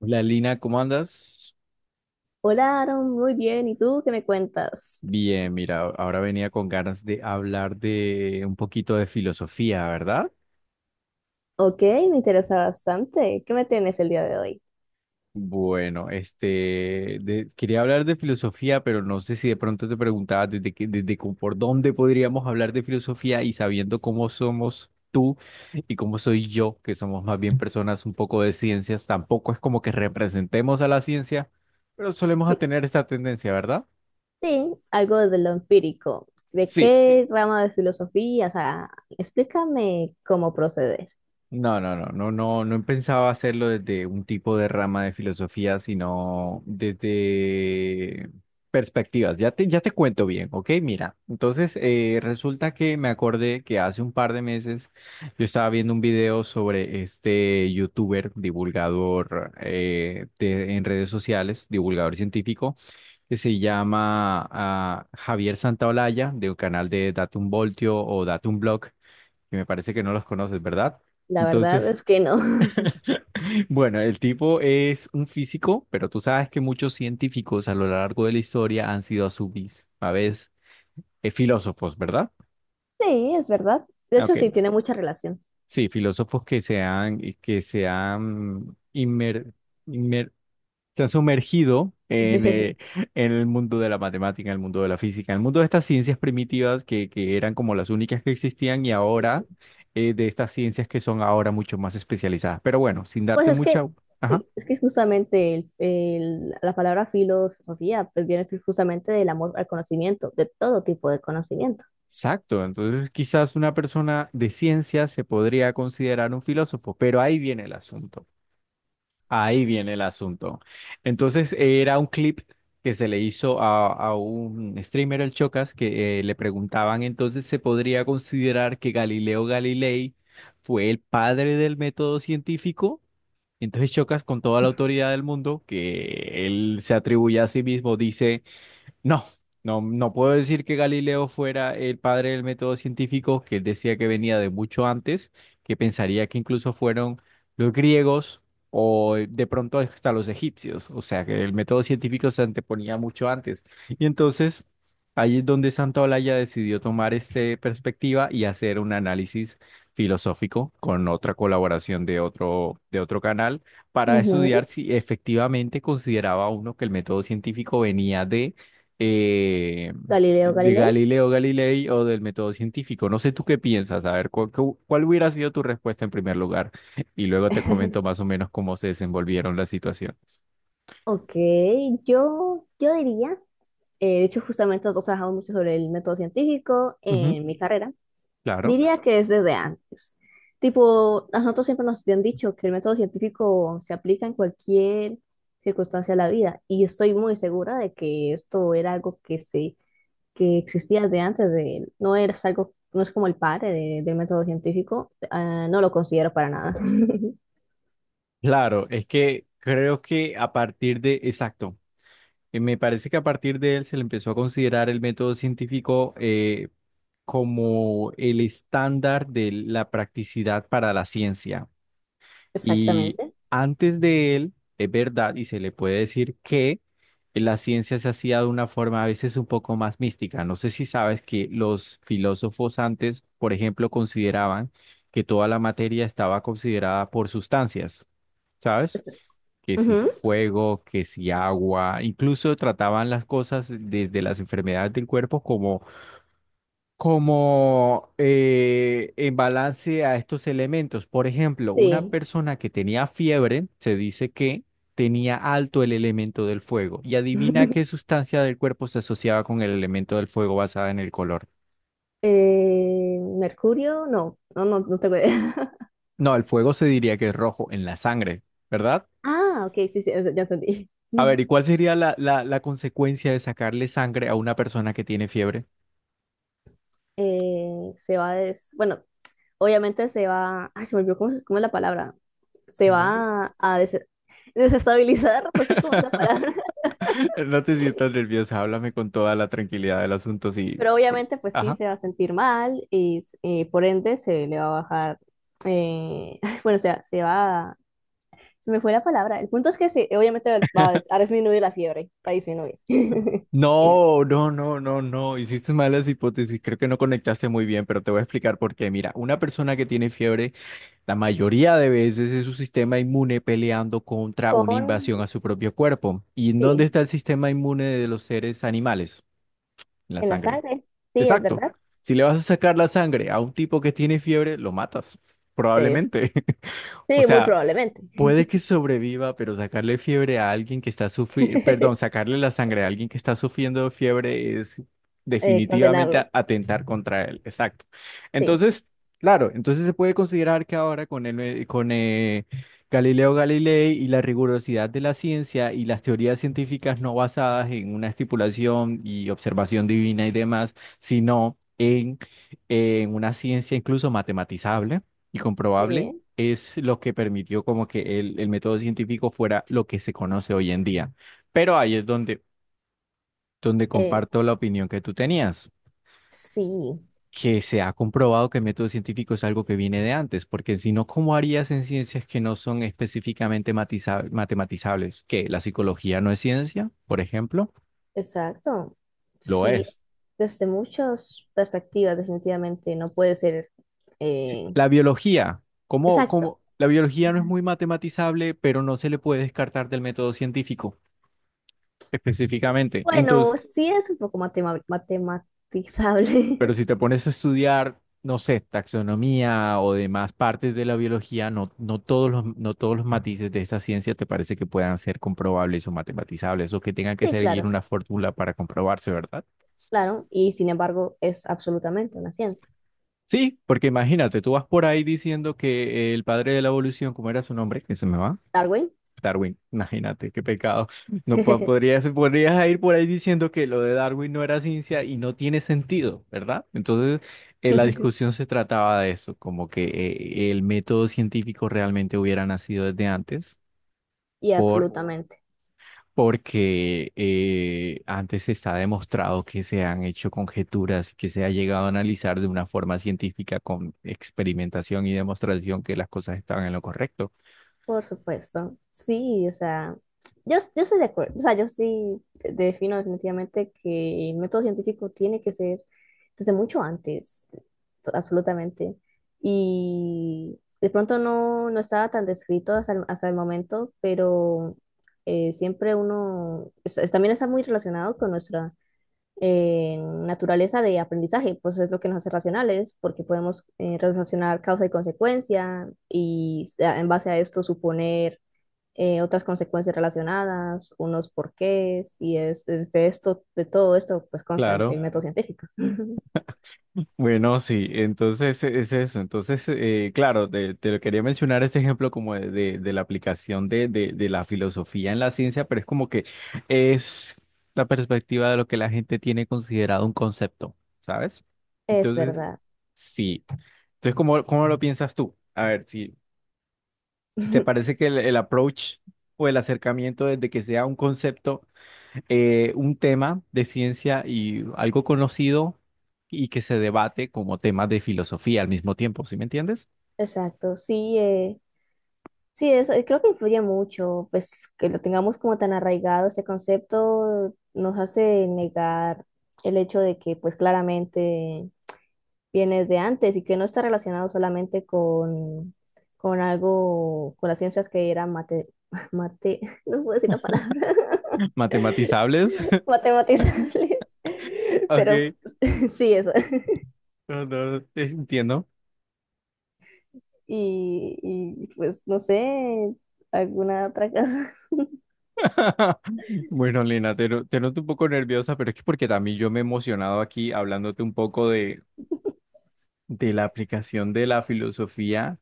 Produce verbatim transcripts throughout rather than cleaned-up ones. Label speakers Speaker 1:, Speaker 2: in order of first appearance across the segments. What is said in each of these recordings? Speaker 1: Hola Lina, ¿cómo andas?
Speaker 2: Hola, Aaron, muy bien. ¿Y tú qué me cuentas?
Speaker 1: Bien, mira, ahora venía con ganas de hablar de un poquito de filosofía, ¿verdad?
Speaker 2: Ok, me interesa bastante. ¿Qué me tienes el día de hoy?
Speaker 1: Bueno, este, de- quería hablar de filosofía, pero no sé si de pronto te preguntabas desde que, desde cómo- por dónde podríamos hablar de filosofía y sabiendo cómo somos tú y cómo soy yo, que somos más bien personas un poco de ciencias, tampoco es como que representemos a la ciencia, pero solemos a
Speaker 2: De-
Speaker 1: tener esta tendencia, ¿verdad?
Speaker 2: Sí, algo de lo empírico. ¿De
Speaker 1: Sí.
Speaker 2: qué rama de filosofía? O sea, explícame cómo proceder.
Speaker 1: No, no, no, no, no, no pensaba hacerlo desde un tipo de rama de filosofía, sino desde perspectivas. Ya te, ya te cuento bien, ¿ok? Mira, entonces eh, resulta que me acordé que hace un par de meses yo estaba viendo un video sobre este youtuber, divulgador eh, de- en redes sociales, divulgador científico, que se llama ah, Javier Santaolalla, del canal de Datum Voltio o Datum Blog, que me parece que no los conoces, ¿verdad?
Speaker 2: La verdad
Speaker 1: Entonces,
Speaker 2: es que no.
Speaker 1: bueno, el tipo es un físico, pero tú sabes que muchos científicos a lo largo de la historia han sido a su vis- a vez eh, filósofos, ¿verdad?
Speaker 2: Sí, es verdad. De
Speaker 1: Ok,
Speaker 2: hecho, sí, tiene mucha relación.
Speaker 1: sí, filósofos que se han, y que se han, inmer- inmer- se han sumergido en, eh, en el mundo de la matemática, en el mundo de la física, en el mundo de estas ciencias primitivas que, que eran como las únicas que existían y ahora
Speaker 2: Sí.
Speaker 1: eh, de estas ciencias que son ahora mucho más especializadas. Pero bueno, sin
Speaker 2: Pues
Speaker 1: darte
Speaker 2: es
Speaker 1: mucha...
Speaker 2: que,
Speaker 1: Ajá.
Speaker 2: sí, es que justamente el- el- la palabra filosofía pues viene justamente del amor al conocimiento, de todo tipo de conocimiento.
Speaker 1: Exacto, entonces quizás una persona de ciencia se podría considerar un filósofo, pero ahí viene el asunto, ahí viene el asunto. Entonces era un clip que se le hizo a, a un streamer, el Chocas, que eh, le preguntaban entonces se podría considerar que Galileo Galilei fue el padre del método científico. Entonces Chocas, con toda la autoridad del mundo, que él se atribuye a sí mismo, dice... No, no, no puedo decir que Galileo fuera el padre del método científico, que él decía que venía de mucho antes, que pensaría que incluso fueron los griegos o eh, de pronto hasta los egipcios, o sea que el método científico se anteponía mucho antes. Y entonces ahí es donde Santa Olaya decidió tomar esta perspectiva y hacer un análisis filosófico con otra colaboración de otro, de otro canal para estudiar
Speaker 2: Ujú.
Speaker 1: si efectivamente consideraba uno que el método científico venía de eh,
Speaker 2: Galileo
Speaker 1: de
Speaker 2: Galilei.
Speaker 1: Galileo Galilei o del método científico. No sé tú qué piensas, a ver, ¿cuál, cu- ¿cuál hubiera sido tu respuesta en primer lugar? Y luego te comento más o menos cómo se desenvolvieron las situaciones.
Speaker 2: Ok, yo, yo diría, eh, de hecho justamente nosotros trabajamos mucho sobre el método científico
Speaker 1: Ujú,
Speaker 2: en mi carrera.
Speaker 1: claro.
Speaker 2: Diría que es desde antes. Tipo, a nosotros siempre nos han dicho que el método científico se aplica en cualquier circunstancia de la vida y estoy muy segura de que esto era algo que se que existía desde antes de él. No es algo, no es como el padre de- del método científico, ah, no lo considero para nada.
Speaker 1: Claro, es que creo que a partir de, exacto, eh, me parece que a partir de él se le empezó a considerar el método científico eh, como el estándar de la practicidad para la ciencia. Y
Speaker 2: Exactamente.
Speaker 1: antes de él, es verdad, y se le puede decir que la ciencia se hacía de una forma a veces un poco más mística. No sé si sabes que los filósofos antes, por ejemplo, consideraban que toda la materia estaba considerada por sustancias, ¿sabes?
Speaker 2: Es-
Speaker 1: Que si
Speaker 2: Ujú.
Speaker 1: fuego, que si agua, incluso trataban las cosas desde las enfermedades del cuerpo como como eh, en balance a estos elementos. Por ejemplo, una
Speaker 2: Sí.
Speaker 1: persona que tenía fiebre, se dice que tenía alto el elemento del fuego. Y adivina qué sustancia del cuerpo se asociaba con el elemento del fuego basada en el color.
Speaker 2: Eh, Mercurio, no, no, no, no tengo idea.
Speaker 1: No, el fuego se diría que es rojo en la sangre, ¿verdad?
Speaker 2: Ah, ok, sí, sí, ya entendí.
Speaker 1: A ver, ¿y cuál sería la, la, la consecuencia de sacarle sangre a una persona que tiene fiebre?
Speaker 2: eh, se va des... bueno, obviamente se va, ay, se me olvidó cómo, se- cómo es la palabra, se
Speaker 1: No sé.
Speaker 2: va a des- desestabilizar, no sé cómo es la palabra,
Speaker 1: No te sientas nerviosa, háblame con toda la tranquilidad del asunto, sí.
Speaker 2: pero
Speaker 1: por-
Speaker 2: obviamente pues sí
Speaker 1: Ajá.
Speaker 2: se va a sentir mal y eh, por ende se le va a bajar, eh, bueno, o sea, se va, a- se me fue la palabra, el punto es que se, obviamente va a, des- a disminuir la fiebre, va a disminuir.
Speaker 1: No, no, no, no, no. Hiciste malas hipótesis. Creo que no conectaste muy bien, pero te voy a explicar por qué. Mira, una persona que tiene fiebre, la mayoría de veces es su sistema inmune peleando contra una
Speaker 2: Con,
Speaker 1: invasión a su propio cuerpo. ¿Y en dónde
Speaker 2: sí,
Speaker 1: está el sistema inmune de los seres animales? En la
Speaker 2: en la
Speaker 1: sangre.
Speaker 2: sangre, sí, es
Speaker 1: Exacto.
Speaker 2: verdad.
Speaker 1: Si le vas a sacar la sangre a un tipo que tiene fiebre, lo matas.
Speaker 2: Eh,
Speaker 1: Probablemente. O
Speaker 2: sí, muy
Speaker 1: sea,
Speaker 2: probablemente.
Speaker 1: puede que sobreviva, pero sacarle fiebre a alguien que está sufriendo, perdón, sacarle la sangre a alguien que está sufriendo fiebre es
Speaker 2: Eh,
Speaker 1: definitivamente
Speaker 2: condenarlo,
Speaker 1: a- atentar contra él. Exacto.
Speaker 2: sí.
Speaker 1: Entonces, claro, entonces se puede considerar que ahora con el, eh, con eh, Galileo Galilei y la rigurosidad de la ciencia y las teorías científicas no basadas en una estipulación y observación divina y demás, sino en, en una ciencia incluso matematizable y comprobable
Speaker 2: Sí,
Speaker 1: es lo que permitió como que el, el método científico fuera lo que se conoce hoy en día. Pero ahí es donde, donde
Speaker 2: eh,
Speaker 1: comparto la opinión que tú tenías,
Speaker 2: sí,
Speaker 1: que se ha comprobado que el método científico es algo que viene de antes, porque si no, ¿cómo harías en ciencias que no son específicamente matiza- matematizables? ¿Que la psicología no es ciencia, por ejemplo?
Speaker 2: exacto.
Speaker 1: Lo
Speaker 2: Sí,
Speaker 1: es.
Speaker 2: desde muchas perspectivas, definitivamente no puede ser
Speaker 1: Si-
Speaker 2: eh,
Speaker 1: La biología, ¿cómo,
Speaker 2: exacto.
Speaker 1: cómo? La biología no es muy matematizable, pero no se le puede descartar del método científico específicamente. Entonces,
Speaker 2: Bueno, sí es un poco matema-
Speaker 1: pero
Speaker 2: matematizable.
Speaker 1: si te pones a estudiar, no sé, taxonomía o demás partes de la biología, no, no todos los, no todos los matices de esta ciencia te parece que puedan ser comprobables o matematizables o que tengan que
Speaker 2: Sí,
Speaker 1: seguir
Speaker 2: claro,
Speaker 1: una fórmula para comprobarse, ¿verdad?
Speaker 2: claro. Y sin embargo, es absolutamente una ciencia.
Speaker 1: Sí, porque imagínate, tú vas por ahí diciendo que el padre de la evolución, ¿cómo era su nombre? Que se me va.
Speaker 2: Darwin.
Speaker 1: Darwin, imagínate, qué pecado. No po- podrías, podrías ir por ahí diciendo que lo de Darwin no era ciencia y no tiene sentido, ¿verdad? Entonces, eh, la discusión se trataba de eso, como que eh, el método científico realmente hubiera nacido desde antes
Speaker 2: Y absolutamente.
Speaker 1: porque eh, antes está demostrado que se han hecho conjeturas, que se ha llegado a analizar de una forma científica con experimentación y demostración que las cosas estaban en lo correcto.
Speaker 2: Por supuesto, sí, o sea, yo, yo estoy de acuerdo, o sea, yo sí de- defino definitivamente que el método científico tiene que ser desde mucho antes, to- absolutamente, y de pronto no, no estaba tan descrito hasta el, hasta el momento, pero eh, siempre uno es- es- también está muy relacionado con nuestra eh, naturaleza de aprendizaje, pues es lo que nos hace racionales, porque podemos eh, relacionar causa y consecuencia y a- en base a esto suponer eh, otras consecuencias relacionadas, unos porqués, y es, es de esto, de todo esto, pues consta el,
Speaker 1: Claro.
Speaker 2: el método científico.
Speaker 1: Bueno, sí, entonces e- es eso. Entonces, eh, claro, te, te lo quería mencionar este ejemplo como de, de- de la aplicación de, de- de la filosofía en la ciencia, pero es como que es la perspectiva de lo que la gente tiene considerado un concepto, ¿sabes?
Speaker 2: Es
Speaker 1: Entonces,
Speaker 2: verdad.
Speaker 1: sí. Entonces, ¿cómo, cómo lo piensas tú? A ver, si, si te parece que el, el approach o el acercamiento desde que sea un concepto eh, un tema de ciencia y algo conocido y que se debate como temas de filosofía al mismo tiempo, ¿sí me entiendes?
Speaker 2: Exacto, sí, eh, sí, eso. eh, creo que influye mucho, pues que lo tengamos como tan arraigado ese concepto nos hace negar el hecho de que pues claramente viene de antes y que no está relacionado solamente con, con algo, con las ciencias que eran mate, mate, no puedo decir la palabra,
Speaker 1: Matematizables.
Speaker 2: matematizables, pero
Speaker 1: Ok,
Speaker 2: sí, eso.
Speaker 1: no, no, no, entiendo.
Speaker 2: Y, y pues no sé, alguna otra cosa.
Speaker 1: Bueno, Lina, te, no- te noto un poco nerviosa, pero es que porque también yo me he emocionado aquí hablándote un poco de, de la aplicación de la filosofía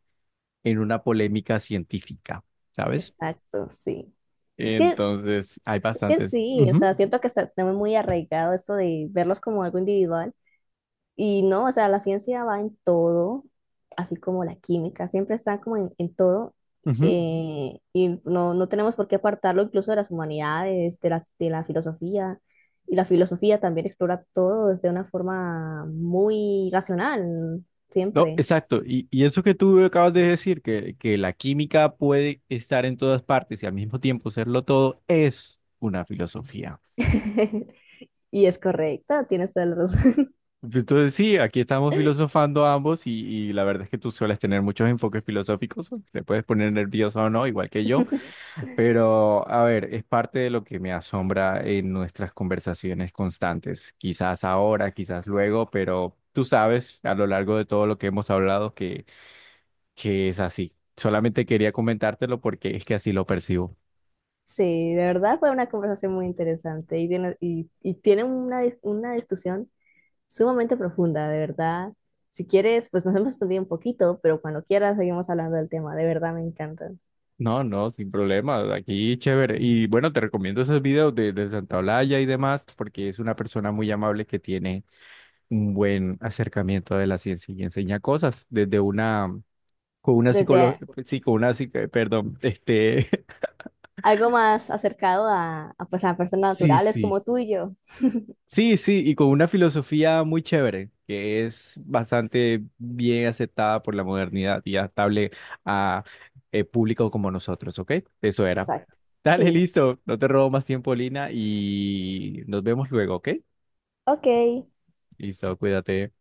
Speaker 1: en una polémica científica, ¿sabes?
Speaker 2: Exacto, sí. Es que,
Speaker 1: Entonces, hay
Speaker 2: es que
Speaker 1: bastantes.
Speaker 2: sí, o
Speaker 1: Ujú,
Speaker 2: sea, siento que está- tenemos muy arraigado esto de verlos como algo individual. Y no, o sea, la ciencia va en todo, así como la química, siempre está como en, en todo.
Speaker 1: ujú.
Speaker 2: eh, y no, no tenemos por qué apartarlo incluso de las humanidades, de las, de la filosofía. Y la filosofía también explora todo desde una forma muy racional,
Speaker 1: No,
Speaker 2: siempre.
Speaker 1: exacto. Y, y eso que tú acabas de decir, que, que la química puede estar en todas partes y al mismo tiempo serlo todo, es una filosofía.
Speaker 2: Y es correcto, tienes toda la razón.
Speaker 1: Entonces, sí, aquí estamos filosofando ambos y, y la verdad es que tú sueles tener muchos enfoques filosóficos. Te puedes poner nervioso o no, igual que yo. Pero, a ver, es parte de lo que me asombra en nuestras conversaciones constantes. Quizás ahora, quizás luego, pero tú sabes a lo largo de todo lo que hemos hablado que que es así. Solamente quería comentártelo porque es que así lo percibo.
Speaker 2: Sí, de verdad fue una conversación muy interesante y tiene, y, y tiene una, dis- una discusión sumamente profunda, de verdad. Si quieres, pues nos hemos estudiado un poquito, pero cuando quieras seguimos hablando del tema, de verdad me encanta.
Speaker 1: No, no, sin problema. Aquí chévere. Y bueno, te recomiendo esos videos de, de Santa Olaya y demás, porque es una persona muy amable que tiene un buen acercamiento de la ciencia y enseña cosas desde una, con una psicología,
Speaker 2: Desde bueno,
Speaker 1: sí, con una psique- perdón, este,
Speaker 2: a- algo más acercado a, a, pues, a personas
Speaker 1: sí,
Speaker 2: naturales
Speaker 1: sí,
Speaker 2: como tú y yo.
Speaker 1: sí, sí, y con una filosofía muy chévere, que es bastante bien aceptada por la modernidad y adaptable a eh, público como nosotros, ¿ok? Eso era.
Speaker 2: Exacto.
Speaker 1: Dale,
Speaker 2: Sí,
Speaker 1: listo, no te robo más tiempo, Lina, y nos vemos luego, ¿ok?
Speaker 2: ok.
Speaker 1: Listo, cuídate.